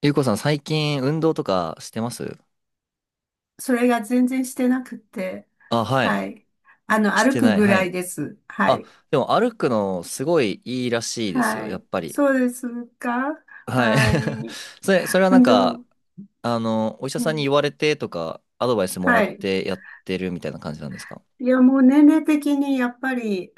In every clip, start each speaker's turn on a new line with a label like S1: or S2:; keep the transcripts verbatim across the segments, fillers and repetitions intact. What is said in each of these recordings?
S1: ゆうこさん、最近運動とかしてます？
S2: それが全然してなくて、
S1: あ、はい。
S2: はい。あの、
S1: し
S2: 歩
S1: て
S2: く
S1: ない。
S2: ぐ
S1: は
S2: らい
S1: い。
S2: です。は
S1: あ、
S2: い。
S1: でも歩くのすごいいいらしいですよ、
S2: は
S1: や
S2: い。
S1: っぱり。
S2: そうですか？
S1: はい。
S2: はい。
S1: それ、それはなん
S2: 運
S1: か、
S2: 動、
S1: あの、お医者
S2: う
S1: さんに
S2: ん、
S1: 言われてとか、アドバイスもら
S2: は
S1: っ
S2: い。
S1: てやってるみたいな感じなんですか？
S2: いや、もう年齢的にやっぱり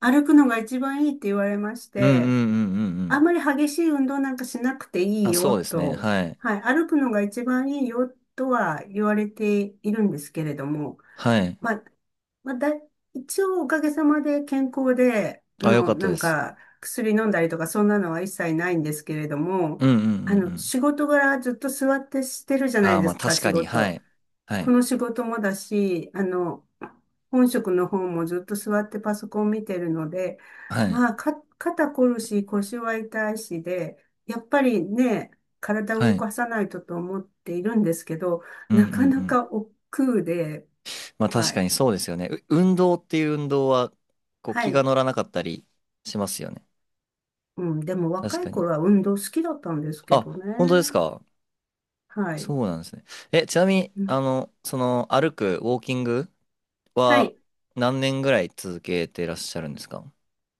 S2: 歩くのが一番いいって言われまし
S1: うんうん
S2: て、
S1: うんうんう
S2: あん
S1: ん。
S2: まり激しい運動なんかしなくていい
S1: あ、そ
S2: よ
S1: うですね。
S2: と、
S1: はい。
S2: はい。歩くのが一番いいよとは言われているんですけれども、
S1: はい。
S2: まあ、まあ、だ、一応おかげさまで健康で、あ
S1: あ、よか
S2: の、
S1: った
S2: な
S1: で
S2: ん
S1: す。
S2: か薬飲んだりとかそんなのは一切ないんですけれども、
S1: うんうんうんう
S2: あの、
S1: ん。
S2: 仕事柄ずっと座ってしてるじゃな
S1: あ
S2: い
S1: ー、
S2: で
S1: まあ
S2: すか、
S1: 確
S2: 仕
S1: かに。は
S2: 事。
S1: い。は
S2: こ
S1: い。
S2: の仕事もだし、あの、本職の方もずっと座ってパソコン見てるので、
S1: はい。
S2: まあ、か、肩こるし、腰は痛いしで、やっぱりね、体を
S1: は
S2: 動
S1: い。
S2: かさないとと思っているんですけど、
S1: うんう
S2: なか
S1: んう
S2: な
S1: ん。
S2: か億劫で、
S1: まあ確
S2: は
S1: か
S2: い。
S1: にそうですよね。う運動っていう運動は、こう
S2: は
S1: 気が
S2: い。
S1: 乗らなかったりしますよね。
S2: うん、でも
S1: 確
S2: 若
S1: か
S2: い
S1: に。
S2: 頃は運動好きだったんですけ
S1: あ、
S2: どね。
S1: 本当ですか？
S2: は
S1: そ
S2: い。
S1: うなんですね。え、ちなみに、
S2: う
S1: あ
S2: ん。
S1: の、その歩く、ウォーキング
S2: は
S1: は
S2: い。
S1: 何年ぐらい続けてらっしゃるんですか？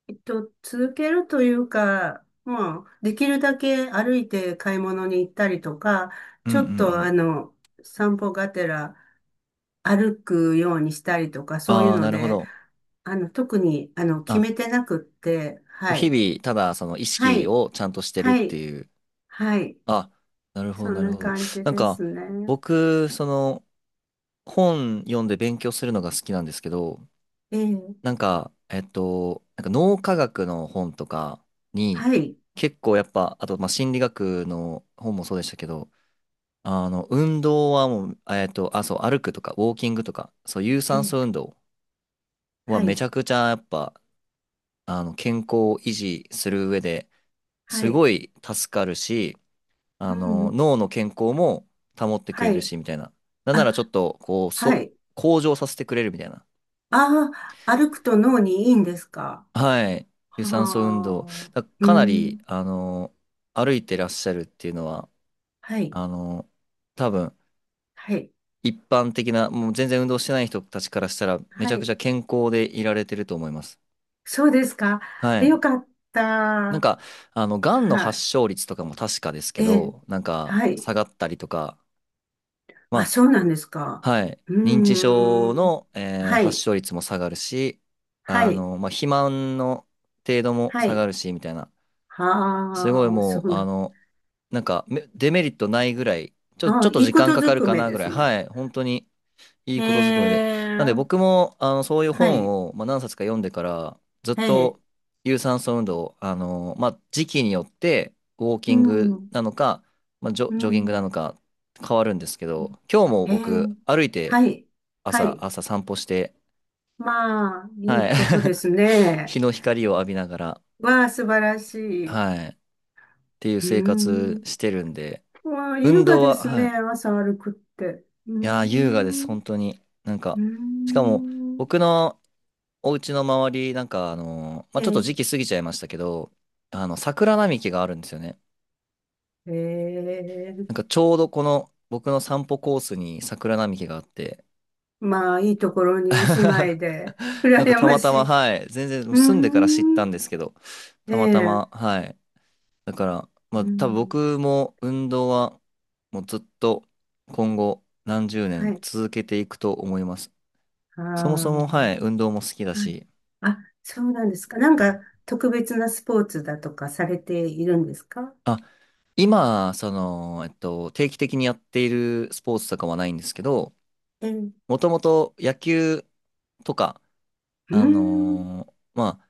S2: えっと、続けるというか、まあ、できるだけ歩いて買い物に行ったりとか、
S1: うんう
S2: ち
S1: んう
S2: ょっとあ
S1: ん。
S2: の、散歩がてら歩くようにしたりとか、そういう
S1: ああ
S2: の
S1: なるほ
S2: で、
S1: ど。
S2: あの、特に、あの、決
S1: あ、
S2: めてなくって、
S1: こう
S2: は
S1: 日
S2: い。
S1: 々、ただその意
S2: は
S1: 識
S2: い。
S1: をちゃんとしてるっ
S2: は
S1: て
S2: い。
S1: いう。
S2: はい。
S1: あ、なるほど、
S2: そん
S1: なる
S2: な
S1: ほど。
S2: 感じ
S1: なん
S2: で
S1: か、
S2: すね。
S1: 僕、その、本読んで勉強するのが好きなんですけど、
S2: ええ。
S1: なんか、えっと、なんか脳科学の本とかに、
S2: はい。
S1: 結構やっぱ、あと、まあ、心理学の本もそうでしたけど、あの、運動はもう、えっと、あ、そう、歩くとか、ウォーキングとか、そう、有
S2: え
S1: 酸
S2: え。
S1: 素運動は
S2: は
S1: めち
S2: い。
S1: ゃくちゃやっぱ、あの、健康を維持する上で
S2: は
S1: す
S2: い。
S1: ごい助かるし、あ
S2: う
S1: の、
S2: ん。
S1: 脳の健康も保ってくれ
S2: は
S1: る
S2: い。
S1: し、みたいな。なんならちょ
S2: あ、
S1: っと、こう、
S2: は
S1: そ、
S2: い。
S1: 向上させてくれるみたいな。
S2: ああ、歩くと脳にいいんですか？
S1: はい。有酸素運動。
S2: はあ。
S1: だ
S2: う
S1: かな
S2: ん。
S1: り、あの、歩いてらっしゃるっていうのは、
S2: はい。
S1: あの、多分、
S2: はい。
S1: 一般的な、もう全然運動してない人たちからしたら、めち
S2: は
S1: ゃくち
S2: い。
S1: ゃ健康でいられてると思います。
S2: そうですか。
S1: はい。
S2: よかっ
S1: なん
S2: た。
S1: か、あの、がんの
S2: は
S1: 発
S2: い。
S1: 症率とかも確かですけ
S2: ええ。
S1: ど、なんか、
S2: はい。
S1: 下がったりとか、
S2: あ、
S1: ま
S2: そうなんですか。
S1: あ、はい。
S2: う
S1: 認知症
S2: ーん。
S1: の、えー
S2: は
S1: 発
S2: い。
S1: 症率も下がるし、
S2: は
S1: あ
S2: い。
S1: の、まあ、肥満の程度も
S2: は
S1: 下が
S2: い。
S1: るし、みたいな。すごい
S2: はあ、
S1: も
S2: そう
S1: う、
S2: な
S1: あ
S2: ん。
S1: の、なんかめデメリットないぐらい、ちょ、
S2: は
S1: ちょっ
S2: あ、
S1: と
S2: いい
S1: 時
S2: こ
S1: 間
S2: と
S1: かか
S2: ず
S1: る
S2: く
S1: か
S2: め
S1: な
S2: で
S1: ぐら
S2: す
S1: い、
S2: ね。
S1: はい、本当にいい
S2: え
S1: ことずくめで。なんで僕
S2: え。
S1: も、あの、そういう
S2: は
S1: 本
S2: い。
S1: を、まあ、何冊か読んでから、ずっ
S2: ええ。
S1: と有酸素運動を、あの、まあ、時期によって、ウォーキ
S2: う
S1: ング
S2: ん。
S1: なのか、まあ、ジョ、
S2: う
S1: ジョギング
S2: ん。
S1: なのか変わるんですけど、今日も
S2: ええ、
S1: 僕、歩いて
S2: はい、は
S1: 朝、
S2: い。
S1: 朝散歩して、
S2: まあ、い
S1: は
S2: い
S1: い、
S2: ことです ね。
S1: 日の光を浴びながら、
S2: わあ、素晴らしい。う
S1: はい、っていう
S2: ー
S1: 生活
S2: ん。
S1: してるんで、
S2: まあ、優
S1: 運
S2: 雅
S1: 動
S2: で
S1: は、
S2: す
S1: は
S2: ね、
S1: い、
S2: 朝歩くって。うー
S1: いやー、優雅です、
S2: ん。
S1: 本当に。なん
S2: う
S1: か、
S2: ー
S1: しかも、
S2: ん。
S1: 僕のお家の周り、なんか、あのーまあ、
S2: え
S1: ちょっと
S2: え、
S1: 時期過ぎちゃいましたけど、あの、桜並木があるんですよね。
S2: え
S1: な
S2: え、
S1: んか、ちょうどこの、僕の散歩コースに桜並木があって、
S2: まあ、いいところにお 住まいで、
S1: なんか、
S2: 羨
S1: た
S2: ま
S1: また
S2: し
S1: ま、
S2: い。
S1: はい、全然、
S2: うー
S1: 住んでから知った
S2: ん。
S1: んですけど、
S2: え
S1: たまた
S2: え、う
S1: ま、はい。だから、ま
S2: ー
S1: あ、多分
S2: ん。
S1: 僕も運動は、もうずっと、今後、何十
S2: は
S1: 年
S2: い。
S1: 続けていくと思います。
S2: あ
S1: そもそも、
S2: あ、
S1: はい、運動も好きだ
S2: はい。
S1: し、
S2: あ、そうなんですか。なんか、特別なスポーツだとかされているんですか？
S1: あ、今、その、えっと、定期的にやっているスポーツとかはないんですけど、
S2: ええ、う
S1: もともと野球とか、
S2: ー
S1: あ
S2: ん。
S1: のーまあ、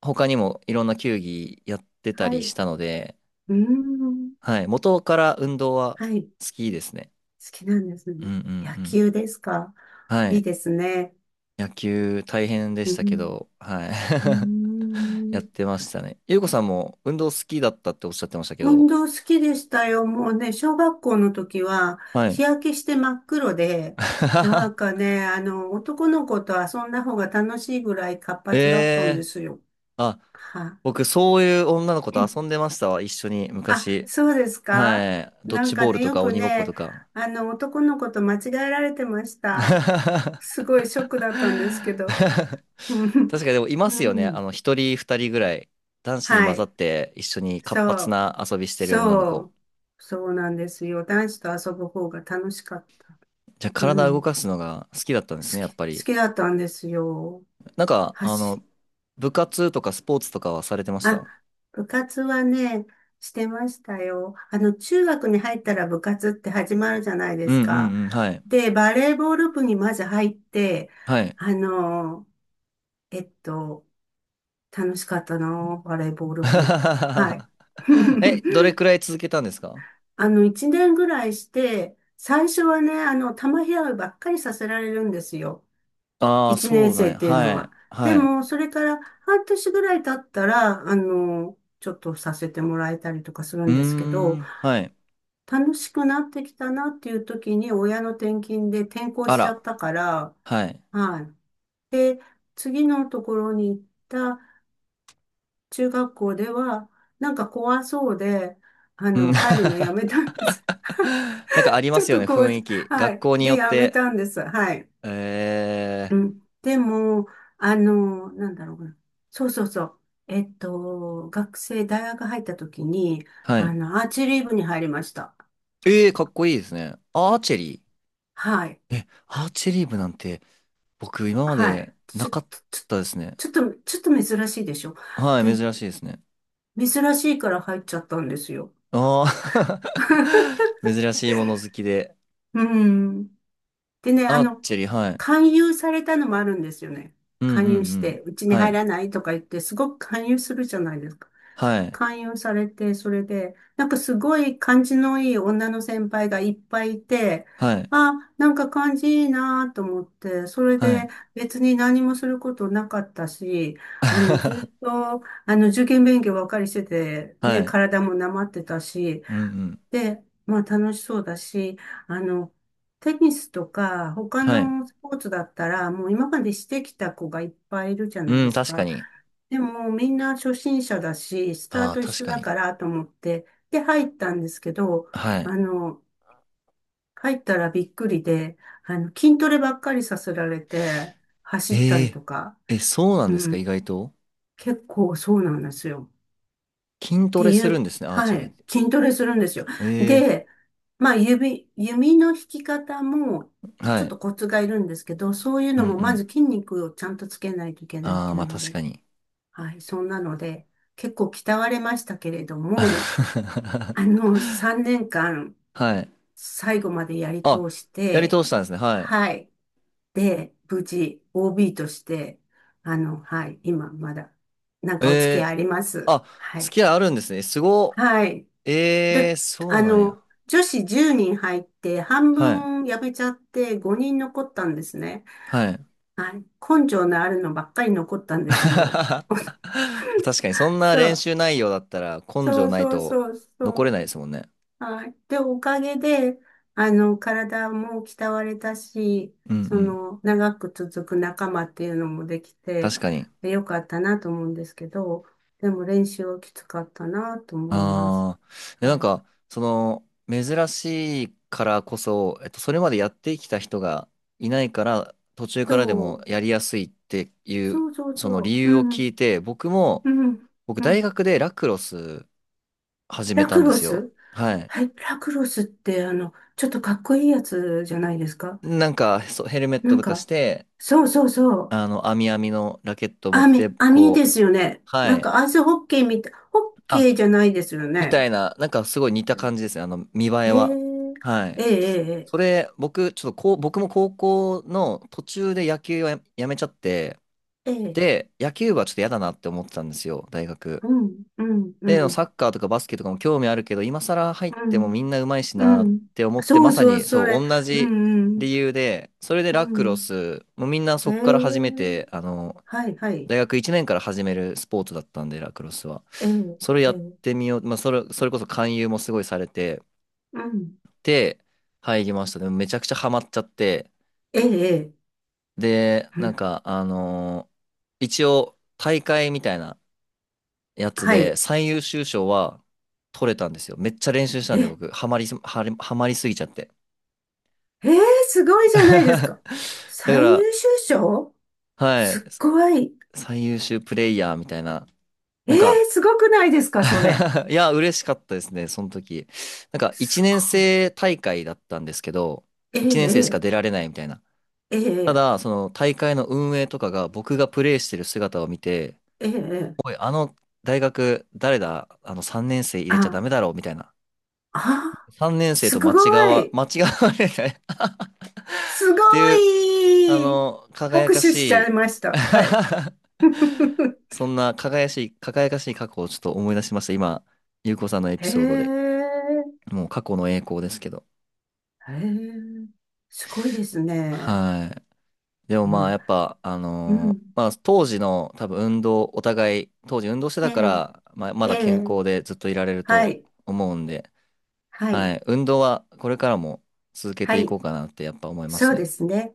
S1: 他にもいろんな球技やってた
S2: は
S1: り
S2: い、
S1: し
S2: う
S1: たので、
S2: ーん。
S1: はい、元から運動は
S2: はい。好
S1: 好きですね。
S2: きなんです
S1: う
S2: ね。
S1: んうん
S2: 野
S1: うん。
S2: 球ですか？
S1: は
S2: いい
S1: い。
S2: ですね。
S1: 野球大変で
S2: う
S1: したけ
S2: ん、
S1: ど、はい。
S2: うー
S1: やっ
S2: ん。
S1: てましたね。ゆうこさんも運動好きだったっておっしゃってましたけ
S2: 運
S1: ど、
S2: 動好きでしたよ。もうね、小学校の時は
S1: はい。
S2: 日焼けして真っ黒で、なんか ね、あの、男の子と遊んだ方が楽しいぐらい活
S1: え
S2: 発だったんで
S1: え
S2: すよ。
S1: ー、あ、
S2: は
S1: 僕、そういう女の子と
S2: い。
S1: 遊んでましたわ、一緒に、
S2: あ、
S1: 昔。
S2: そうですか？
S1: はい。ドッ
S2: なん
S1: ジ
S2: か
S1: ボール
S2: ね、
S1: と
S2: よ
S1: か
S2: く
S1: 鬼ごっこ
S2: ね、
S1: とか。
S2: あの、男の子と間違えられてまし た。すごいショックだったんですけど。うん。
S1: 確かにでもいま
S2: う
S1: すよね。あ
S2: ん。
S1: の、一人二人ぐらい、男子に
S2: は
S1: 混ざっ
S2: い。
S1: て一緒に活
S2: そ
S1: 発
S2: う。
S1: な遊びしてる女の
S2: そ
S1: 子。
S2: う。そうなんですよ。男子と遊ぶ方が楽しかった。
S1: じゃあ、
S2: う
S1: 体動
S2: ん。好
S1: かすのが好きだったんですね、や
S2: き、
S1: っ
S2: 好
S1: ぱり。
S2: きだったんですよ。
S1: なんか、あ
S2: 走
S1: の、部活とかスポーツとかはされてまし
S2: あ、
S1: た？
S2: 部活はね、してましたよ。あの、中学に入ったら部活って始まるじゃないで
S1: う
S2: す
S1: んう
S2: か。
S1: んうん、はい。
S2: で、バレーボール部にまず入って、
S1: はい。
S2: あの、えっと、楽しかったな、バレーボール部。はい。
S1: え、どれくらい続けたんですか？
S2: あの、一年ぐらいして、最初はね、あの、球拾いばっかりさせられるんですよ。
S1: ああー、
S2: 一
S1: そ
S2: 年
S1: うなん
S2: 生っ
S1: や。
S2: ていうの
S1: は
S2: は。
S1: い。
S2: で
S1: はい。
S2: も、それから半年ぐらい経ったら、あの、ちょっとさせてもらえたりとかする
S1: う
S2: ん
S1: ー
S2: ですけど、
S1: ん、はい。
S2: 楽しくなってきたなっていう時に親の転勤で転校
S1: あ
S2: しちゃっ
S1: ら、
S2: たから、
S1: はい。
S2: はい。で、次のところに行った中学校では、なんか怖そうで、あ
S1: うん
S2: の、入るのや めたんです。
S1: なんかあ りま
S2: ちょっ
S1: すよ
S2: と
S1: ね、雰
S2: 怖そ
S1: 囲
S2: う。
S1: 気。
S2: は
S1: 学
S2: い。
S1: 校によ
S2: で、
S1: っ
S2: やめ
S1: て。
S2: たんです。はい。
S1: え
S2: う
S1: ー、
S2: ん。でも、あの、なんだろうな。そうそうそう。えっと、学生、大学入った時に、
S1: は
S2: あ
S1: い。
S2: の、アーチェリー部に入りました。
S1: えー、かっこいいですね。アーチェリ
S2: はい。
S1: ー。え、アーチェリー部なんて僕今ま
S2: はい。
S1: で
S2: ち
S1: な
S2: ょ、ちょ、
S1: かったですね。
S2: ちょっと、ちょっと珍しいでしょ。
S1: はい、
S2: で、
S1: 珍しいですね。
S2: 珍しいから入っちゃったんですよ。
S1: ああ 珍しいもの好きで。
S2: うん。でね、あ
S1: アー
S2: の、
S1: チェリー、はい。
S2: 勧誘されたのもあるんですよね。
S1: うんう
S2: 勧誘
S1: んう
S2: し
S1: ん。
S2: て、うちに
S1: は
S2: 入
S1: い。
S2: らないとか言って、すごく勧誘するじゃないですか。
S1: はい。
S2: 勧誘されて、それで、なんかすごい感じのいい女の先輩がいっぱいいて、
S1: はい。
S2: あ、なんか感じいいなと思って、それ
S1: は
S2: で
S1: い。
S2: 別に何もすることなかったし、あの、ずっ と、あの、受験勉強ばっかりしてて、
S1: は
S2: ね、
S1: い。
S2: 体もなまってたし、
S1: うんうん。
S2: で、まあ楽しそうだし、あの、テニスとか他
S1: はい。
S2: のスポーツだったら、もう今までしてきた子がいっぱいいるじゃない
S1: う
S2: で
S1: ん、
S2: す
S1: 確か
S2: か。
S1: に。
S2: でもみんな初心者だし、スタ
S1: あ
S2: ー
S1: あ、
S2: ト一
S1: 確
S2: 緒
S1: か
S2: だ
S1: に。
S2: からと思って、で入ったんですけど、
S1: はい。
S2: あの、入ったらびっくりで、あの、筋トレばっかりさせられて、走った
S1: え
S2: り
S1: え
S2: とか、
S1: え、そうなん
S2: う
S1: ですか、意
S2: ん、
S1: 外と。
S2: 結構そうなんですよ。
S1: 筋
S2: っ
S1: ト
S2: て
S1: レ
S2: い
S1: するん
S2: う、
S1: ですね、アー
S2: は
S1: チェリーっ
S2: い、
S1: て。
S2: 筋トレするんですよ。
S1: え
S2: で、まあ、指、弓の引き方も、
S1: え
S2: ち
S1: は
S2: ょっ
S1: い。
S2: とコツがいるんですけど、そういう
S1: うん
S2: の
S1: う
S2: も、まず
S1: ん。
S2: 筋肉をちゃんとつけないといけないっ
S1: ああ、
S2: てい
S1: ま
S2: う
S1: あ
S2: の
S1: 確
S2: で、
S1: かに。
S2: はい、そんなので、結構鍛われましたけれども、あ の、さんねんかん、
S1: はい。
S2: 最後までやり
S1: あ、
S2: 通し
S1: やり
S2: て、
S1: 通したんですね、はい。
S2: はい、で、無事、オービー として、あの、はい、今、まだ、なん
S1: え
S2: かお付き合い
S1: え
S2: あります。
S1: あ、
S2: はい。
S1: 付き合いあるんですね。すご。
S2: はい。
S1: え
S2: で、
S1: えそう
S2: あ
S1: なんや。
S2: の、女子じゅうにん入って、半
S1: はい。
S2: 分やめちゃってごにん残ったんですね。
S1: はい。
S2: はい。根性のあるのばっかり残ったんですよ。
S1: 確かに、そんな
S2: そ
S1: 練
S2: う。
S1: 習内容だったら根
S2: そ
S1: 性
S2: う
S1: ない
S2: そう
S1: と
S2: そう
S1: 残
S2: そ
S1: れな
S2: う。
S1: いですもんね。
S2: はい。で、おかげで、あの、体も鍛われたし、
S1: うんう
S2: そ
S1: ん。
S2: の、長く続く仲間っていうのもできて、
S1: 確かに。
S2: でよかったなと思うんですけど、でも練習はきつかったなと思います。
S1: ああ、いやなん
S2: は
S1: か、
S2: い。
S1: その、珍しいからこそ、えっと、それまでやってきた人がいないから、途中
S2: そ
S1: からでも
S2: う。
S1: やりやすいっていう、
S2: そうそう
S1: その理
S2: そう。う
S1: 由を聞
S2: ん。
S1: いて、僕も、
S2: うん、
S1: 僕、
S2: う
S1: 大
S2: ん。
S1: 学でラクロス始め
S2: ラ
S1: た
S2: ク
S1: んで
S2: ロ
S1: すよ。
S2: ス。
S1: はい。
S2: はい、ラクロスって、あの、ちょっとかっこいいやつじゃないですか。
S1: なんか、そう、ヘルメッ
S2: な
S1: ト
S2: ん
S1: とかし
S2: か、
S1: て、
S2: そうそうそう。
S1: あの、網網のラケットを持っ
S2: 網、
S1: て、
S2: 網で
S1: こう、
S2: すよね。
S1: は
S2: なんかア
S1: い。
S2: イスホッケーみたい、ホッケー
S1: あ、
S2: じゃないですよ
S1: みた
S2: ね。
S1: いな、なんかすごい似た感じですね。あの、見栄
S2: へ
S1: えは。
S2: え、
S1: はい。
S2: ええ、え
S1: そ
S2: え、
S1: れ、僕、ちょっとこう、僕も高校の途中で野球はや、やめちゃって、
S2: ええ、
S1: で、野球部はちょっと嫌だなって思ってたんですよ、大学。
S2: うん、うん、う
S1: で、
S2: ん、
S1: サッカーとかバスケとかも興味あるけど、今更入っ
S2: う
S1: ても
S2: ん、
S1: みんな上手いし
S2: う
S1: なっ
S2: ん。
S1: て思って、
S2: そ
S1: ま
S2: う
S1: さ
S2: そう、
S1: に
S2: そ
S1: そ
S2: れ、
S1: う、同
S2: う
S1: じ
S2: ん、
S1: 理由で、それで
S2: う
S1: ラクロ
S2: ん、
S1: ス、もうみんなそ
S2: う
S1: こから始め
S2: ん。え
S1: て、
S2: え、
S1: あの、
S2: はい、はい、
S1: 大学いちねんから始めるスポーツだったんで、ラクロスは。
S2: ええ、
S1: それや
S2: え
S1: っ
S2: え、
S1: てみよう、まあ、それ、それこそ勧誘もすごいされて、
S2: うん、
S1: で、入りました。でもめちゃくちゃハマっちゃって、
S2: ええ、ええ。
S1: で、
S2: う
S1: なん
S2: ん。
S1: か、あのー一応、大会みたいなやつ
S2: は
S1: で、
S2: い。
S1: 最優秀賞は取れたんですよ。めっちゃ練習した
S2: え
S1: んで、僕、ハマりす、ハリハマりすぎちゃって。
S2: ええ、すごいじゃな いですか。
S1: だか
S2: 最
S1: ら、
S2: 優秀賞、
S1: は
S2: す
S1: い、
S2: っごい。
S1: 最優秀プレイヤーみたいな、
S2: え
S1: なん
S2: え、
S1: か
S2: すごくないですか、それ。
S1: いや、嬉しかったですね、その時。なんか、1
S2: す
S1: 年
S2: ごい。
S1: 生大会だったんですけど、
S2: え
S1: いちねん生しか
S2: え
S1: 出られないみたいな。
S2: え
S1: た
S2: ええ
S1: だ、その大会の運営とかが僕がプレイしてる姿を見て、
S2: ーえーえー、
S1: おい、あの大学、誰だあのさんねん生入れちゃ
S2: あ、
S1: ダメだろうみたいな。
S2: あ、
S1: さんねん生
S2: す
S1: と間違
S2: ご
S1: わ、
S2: い。
S1: 間違われない
S2: すご
S1: っていう、あ
S2: い。
S1: の、輝
S2: 拍
S1: か
S2: 手
S1: し
S2: しちゃい
S1: い
S2: ました。はい。
S1: そんな輝かしい、輝かしい過去をちょっと思い出しました。今、ゆうこさんのエピ
S2: へ
S1: ソードで。
S2: え、
S1: もう過去の栄光ですけど。
S2: へえ、すごいですね。
S1: はい。でもまあ、や
S2: ま
S1: っ
S2: あ、
S1: ぱ、あ
S2: う
S1: のー
S2: ん。
S1: まあ、当時の多分運動、お互い、当時運動して
S2: え
S1: たか
S2: え、
S1: ら、まあ、ま
S2: え
S1: だ健康
S2: え、
S1: でずっといられる
S2: は
S1: と
S2: い、
S1: 思うんで、
S2: は
S1: は
S2: い、
S1: い。運動はこれからも続け
S2: は
S1: てい
S2: い、
S1: こうかなってやっぱ思います
S2: そう
S1: ね。
S2: ですね。